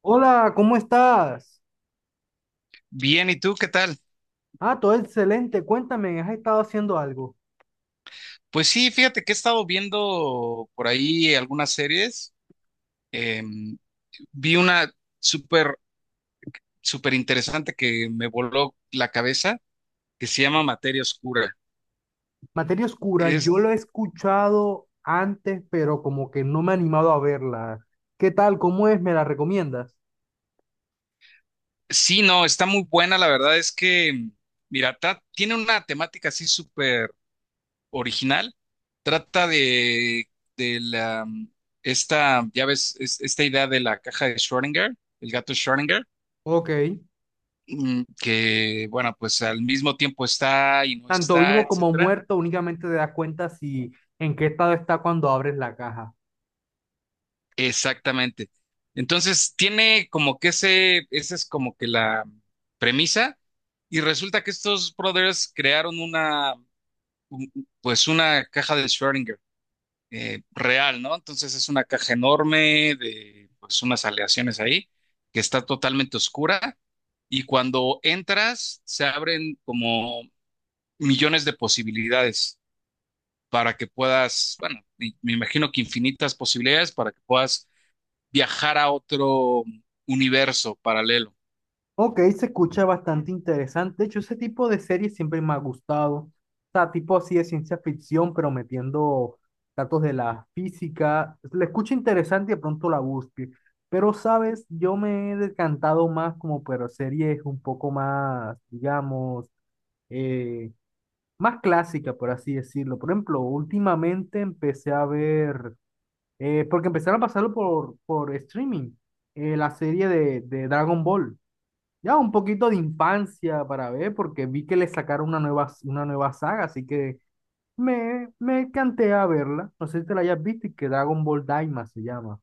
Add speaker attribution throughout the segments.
Speaker 1: Hola, ¿cómo estás?
Speaker 2: Bien, ¿y tú qué tal?
Speaker 1: Ah, todo excelente. Cuéntame, ¿has estado haciendo algo?
Speaker 2: Pues sí, fíjate que he estado viendo por ahí algunas series. Em, vi una súper, súper interesante que me voló la cabeza, que se llama Materia Oscura.
Speaker 1: Materia Oscura, yo lo
Speaker 2: Es,
Speaker 1: he escuchado antes, pero como que no me he animado a verla. ¿Qué tal? ¿Cómo es? ¿Me la recomiendas?
Speaker 2: sí, no, está muy buena. La verdad es que, mira, tiene una temática así súper original. Trata de la, esta, ya ves, esta idea de la caja de Schrödinger, el gato Schrödinger.
Speaker 1: Ok.
Speaker 2: Que, bueno, pues al mismo tiempo está y no
Speaker 1: Tanto
Speaker 2: está,
Speaker 1: vivo como
Speaker 2: etcétera.
Speaker 1: muerto, únicamente te das cuenta si en qué estado está cuando abres la caja.
Speaker 2: Exactamente. Entonces, tiene como que ese, esa es como que la premisa, y resulta que estos brothers crearon una, un- pues una caja de Schrödinger real, ¿no? Entonces es una caja enorme de, pues unas aleaciones ahí, que está totalmente oscura, y cuando entras, se abren como millones de posibilidades, para que puedas, bueno, me imagino que infinitas posibilidades para que puedas viajar a otro universo paralelo.
Speaker 1: Ok, se escucha bastante interesante. De hecho, ese tipo de series siempre me ha gustado. O sea, tipo así de ciencia ficción, pero metiendo datos de la física. La escucho interesante y de pronto la busque. Pero, ¿sabes? Yo me he decantado más como por series un poco más, digamos, eh, más clásica, por así decirlo. Por ejemplo, últimamente empecé a ver, porque empezaron a pasarlo por streaming, la serie de Dragon Ball. Ya un poquito de infancia para ver, porque vi que le sacaron una nueva saga, así que me canté a verla. No sé si te la hayas visto, y que Dragon Ball Daima se llama.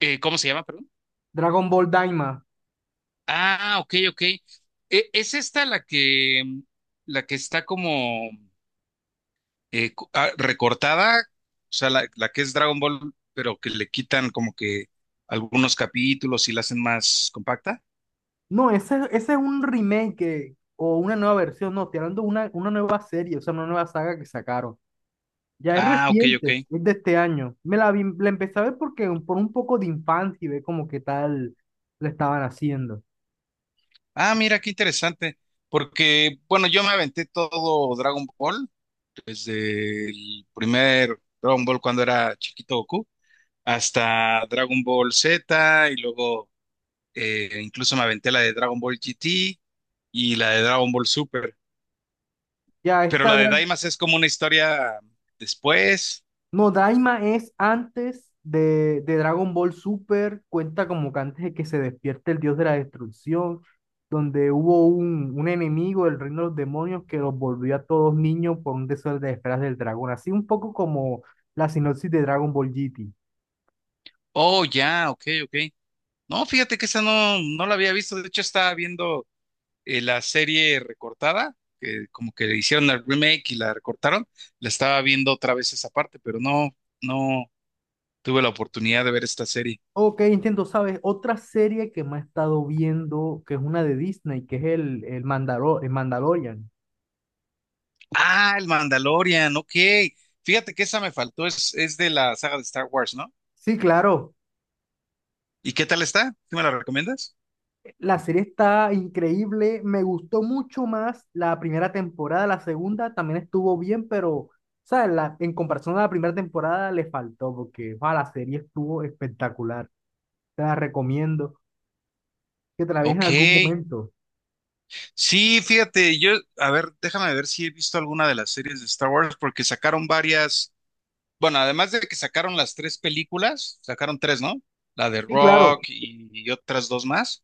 Speaker 2: ¿Cómo se llama, perdón?
Speaker 1: Dragon Ball Daima.
Speaker 2: Ah, ok, ok. ¿Es esta la que está como recortada? O sea, la que es Dragon Ball, pero que le quitan como que algunos capítulos y la hacen más compacta.
Speaker 1: No, ese es un remake que- o una nueva versión, no, estoy hablando de una nueva serie, o sea, una nueva saga que sacaron. Ya es
Speaker 2: Ah, ok, ok.
Speaker 1: reciente, es de este año. Me la vi- la empecé a ver porque un- por un poco de infancia y ve como qué tal le estaban haciendo.
Speaker 2: Ah, mira, qué interesante. Porque, bueno, yo me aventé todo Dragon Ball desde el primer Dragon Ball cuando era chiquito Goku, hasta Dragon Ball Z y luego, incluso me aventé la de Dragon Ball GT y la de Dragon Ball Super.
Speaker 1: Ya
Speaker 2: Pero
Speaker 1: está.
Speaker 2: la de Daimas es como una historia después.
Speaker 1: No, Daima es antes de Dragon Ball Super, cuenta como que antes de que se despierte el dios de la destrucción, donde hubo un enemigo del reino de los demonios que los volvió a todos niños por un deseo de esferas del dragón, así un poco como la sinopsis de Dragon Ball GT.
Speaker 2: Oh, ya, ok, ok. No, fíjate que esa no, no la había visto. De hecho, estaba viendo la serie recortada, que como que le hicieron el remake y la recortaron. La estaba viendo otra vez esa parte, pero no, no tuve la oportunidad de ver esta serie.
Speaker 1: Ok, entiendo, ¿sabes? Otra serie que me ha estado viendo, que es una de Disney, que es Mandalor- el Mandalorian.
Speaker 2: Ah, el Mandalorian, ok. Fíjate que esa me faltó, es de la saga de Star Wars, ¿no?
Speaker 1: Sí, claro.
Speaker 2: ¿Y qué tal está? ¿Tú me la recomiendas?
Speaker 1: La serie está increíble, me gustó mucho más la primera temporada, la segunda también estuvo bien, pero ¿sabes? La, en comparación a la primera temporada le faltó porque ah, la serie estuvo espectacular. Te la recomiendo que te la veas en
Speaker 2: Ok.
Speaker 1: algún momento.
Speaker 2: Sí, fíjate, yo, a ver, déjame ver si he visto alguna de las series de Star Wars, porque sacaron varias, bueno, además de que sacaron las tres películas, sacaron tres, ¿no? La de
Speaker 1: Sí, claro.
Speaker 2: Rock y otras dos más.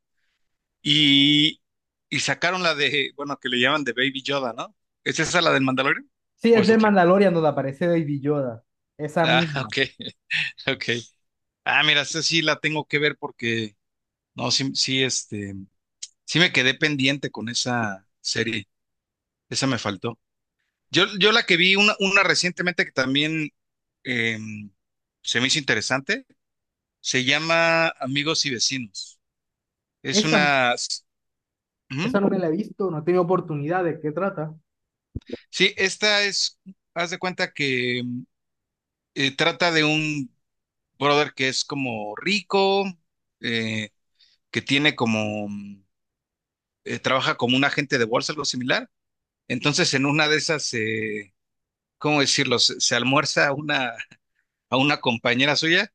Speaker 2: Y, y sacaron la de, bueno, que le llaman de Baby Yoda, ¿no? ¿Es esa la del Mandalorian?
Speaker 1: Sí,
Speaker 2: ¿O
Speaker 1: es
Speaker 2: es
Speaker 1: del
Speaker 2: otra?
Speaker 1: Mandalorian donde aparece Baby Yoda. Esa
Speaker 2: Ah,
Speaker 1: misma.
Speaker 2: ok, ok. Ah, mira, esta sí la tengo que ver porque, no, sí, sí, este, sí me quedé pendiente con esa serie, esa me faltó. Yo la que vi, una recientemente que también eh, se me hizo interesante, se llama Amigos y Vecinos. Es
Speaker 1: Esa,
Speaker 2: una, ujú.
Speaker 1: esa no me la he visto, no he tenido oportunidad. ¿De qué trata?
Speaker 2: Sí, esta es, haz de cuenta que trata de un brother que es como rico, eh, que tiene como, trabaja como un agente de bolsa, algo similar. Entonces, en una de esas, ¿cómo decirlo? Se almuerza a una compañera suya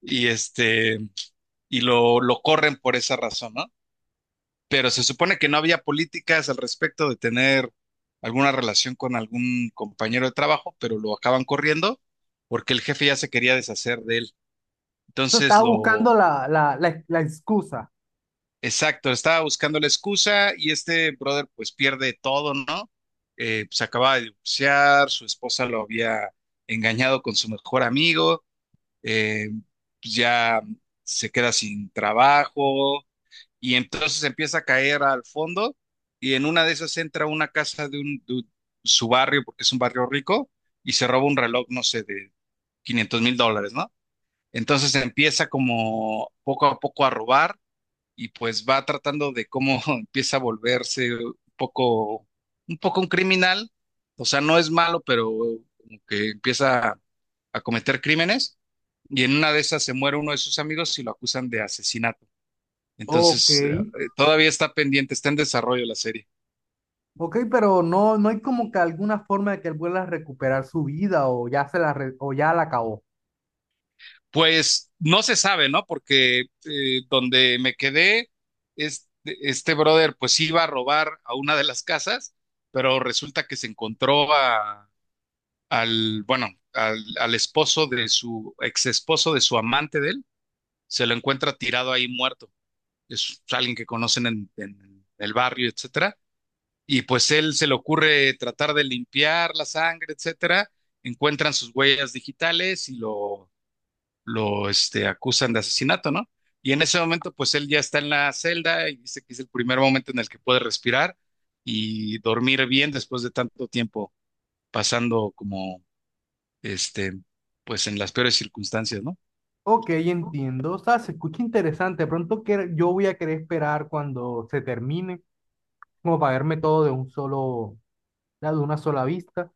Speaker 2: y este, y lo corren por esa razón, ¿no? Pero se supone que no había políticas al respecto de tener alguna relación con algún compañero de trabajo, pero lo acaban corriendo porque el jefe ya se quería deshacer de él. Entonces
Speaker 1: Estaba
Speaker 2: lo...
Speaker 1: buscando la excusa.
Speaker 2: Exacto, estaba buscando la excusa y este brother pues pierde todo, ¿no? Se acaba de divorciar, su esposa lo había engañado con su mejor amigo, eh, pues, ya se queda sin trabajo y entonces empieza a caer al fondo y en una de esas entra a una casa de, un, su barrio, porque es un barrio rico, y se roba un reloj, no sé, de 500 mil dólares, ¿no? Entonces empieza como poco a poco a robar y pues va tratando de cómo empieza a volverse un poco, un poco un criminal, o sea, no es malo, pero como que empieza a cometer crímenes y en una de esas se muere uno de sus amigos y lo acusan de asesinato.
Speaker 1: Ok.
Speaker 2: Entonces, todavía está pendiente, está en desarrollo la serie.
Speaker 1: Ok, pero no, no hay como que alguna forma de que él vuelva a recuperar su vida o ya se la re- o ya la acabó.
Speaker 2: Pues no se sabe, ¿no? Porque donde me quedé, este brother pues iba a robar a una de las casas, pero resulta que se encontró a al, bueno, al, al esposo de su ex esposo de su amante de él, se lo encuentra tirado ahí muerto. Es alguien que conocen en el barrio, etcétera. Y pues él se le ocurre tratar de limpiar la sangre, etcétera. Encuentran sus huellas digitales y lo este, acusan de asesinato, ¿no? Y en ese momento, pues él ya está en la celda y dice que es el primer momento en el que puede respirar y dormir bien después de tanto tiempo pasando como este, pues en las peores circunstancias, ¿no?
Speaker 1: Ok, entiendo. O sea, se escucha interesante. De pronto que yo voy a querer esperar cuando se termine, como para verme todo de un solo, ya de una sola vista.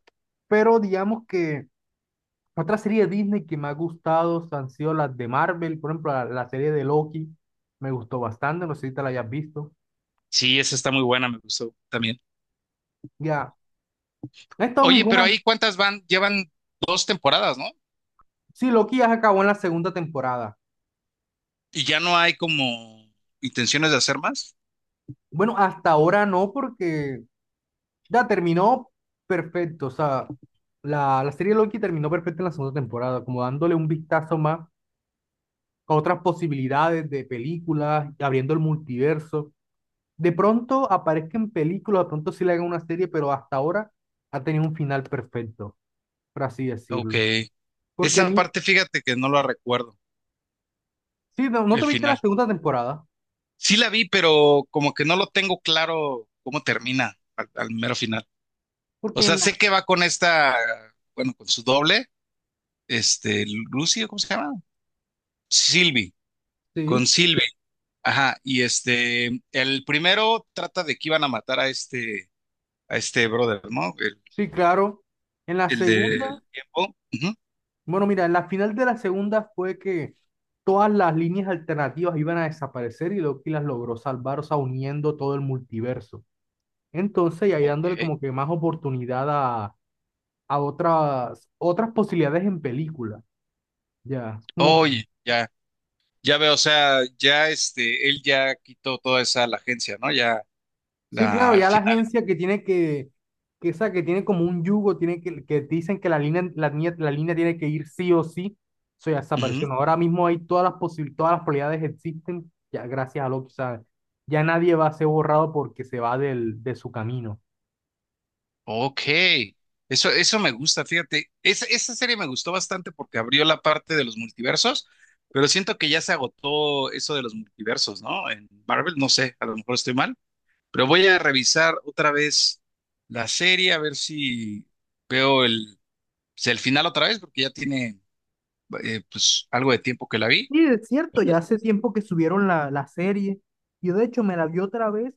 Speaker 1: Pero digamos que otra serie de Disney que me ha gustado han sido las de Marvel. Por ejemplo, la serie de Loki me gustó bastante. No sé si te la hayas visto.
Speaker 2: Sí, esa está muy buena, me gustó también.
Speaker 1: Ya, no he estado
Speaker 2: Oye, pero
Speaker 1: ninguna.
Speaker 2: ahí cuántas van, llevan dos temporadas, ¿no?
Speaker 1: Sí, Loki ya se acabó en la segunda temporada.
Speaker 2: Y ya no hay como intenciones de hacer más.
Speaker 1: Bueno, hasta ahora no, porque ya terminó perfecto. O sea, la serie Loki terminó perfecta en la segunda temporada, como dándole un vistazo más a otras posibilidades de películas, abriendo el multiverso. De pronto aparezca en películas, de pronto sí le hagan una serie, pero hasta ahora ha tenido un final perfecto, por así
Speaker 2: Ok.
Speaker 1: decirlo. Porque
Speaker 2: Esa
Speaker 1: mi,
Speaker 2: parte, fíjate que no la recuerdo,
Speaker 1: sí, no, no te
Speaker 2: el
Speaker 1: viste la
Speaker 2: final.
Speaker 1: segunda temporada,
Speaker 2: Sí la vi, pero como que no lo tengo claro cómo termina al, al mero final. O
Speaker 1: porque en
Speaker 2: sea,
Speaker 1: la,
Speaker 2: sé que va con esta, bueno, con su doble, este, Lucy, ¿cómo se llama? Sylvie, con
Speaker 1: sí,
Speaker 2: Sylvie. Ajá, y este, el primero trata de que iban a matar a este brother, ¿no?
Speaker 1: sí, claro, en la
Speaker 2: El
Speaker 1: segunda.
Speaker 2: del tiempo. Ujú.
Speaker 1: Bueno, mira, en la final de la segunda fue que todas las líneas alternativas iban a desaparecer y Loki las logró salvar, o sea, uniendo todo el multiverso. Entonces, y ahí dándole
Speaker 2: Ok.
Speaker 1: como que más oportunidad a otras, otras posibilidades en película. Ya, como
Speaker 2: Oye, ya, ya veo, o sea, ya este, él ya quitó toda esa la agencia, ¿no? Ya
Speaker 1: sí,
Speaker 2: la
Speaker 1: claro,
Speaker 2: al
Speaker 1: ya la
Speaker 2: final.
Speaker 1: agencia que tiene que esa que tiene como un yugo, tiene que dicen que la línea tiene que ir sí o sí, eso ya desapareció.
Speaker 2: Ujú.
Speaker 1: ¿No? Ahora mismo hay todas las posibilidades, todas las probabilidades existen, ya gracias a lo que sabe. Ya nadie va a ser borrado porque se va del, de su camino.
Speaker 2: Ok. Eso me gusta, fíjate. Esa serie me gustó bastante porque abrió la parte de los multiversos, pero siento que ya se agotó eso de los multiversos, ¿no? En Marvel, no sé, a lo mejor estoy mal. Pero voy a revisar otra vez la serie, a ver si veo el, si el final otra vez, porque ya tiene pues algo de tiempo que la vi.
Speaker 1: Sí es cierto, ya hace tiempo que subieron la serie. Yo de hecho me la vi otra vez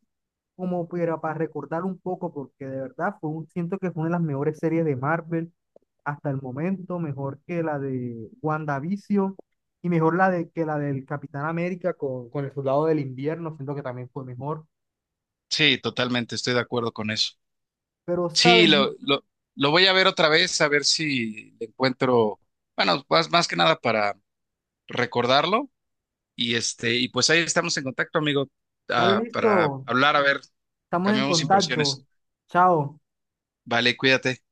Speaker 1: como para recordar un poco, porque de verdad fue un, siento que fue una de las mejores series de Marvel hasta el momento, mejor que la de WandaVision y mejor la de, que la del Capitán América con el Soldado del Invierno, siento que también fue mejor.
Speaker 2: Sí, totalmente, estoy de acuerdo con eso.
Speaker 1: Pero,
Speaker 2: Sí,
Speaker 1: ¿saben?
Speaker 2: lo voy a ver otra vez, a ver si le encuentro, bueno, más, más que nada para recordarlo. Y este, y pues ahí estamos en contacto, amigo,
Speaker 1: Dale
Speaker 2: ah, para
Speaker 1: listo,
Speaker 2: hablar, a ver,
Speaker 1: estamos en
Speaker 2: cambiamos
Speaker 1: contacto.
Speaker 2: impresiones.
Speaker 1: Chao.
Speaker 2: Vale, cuídate.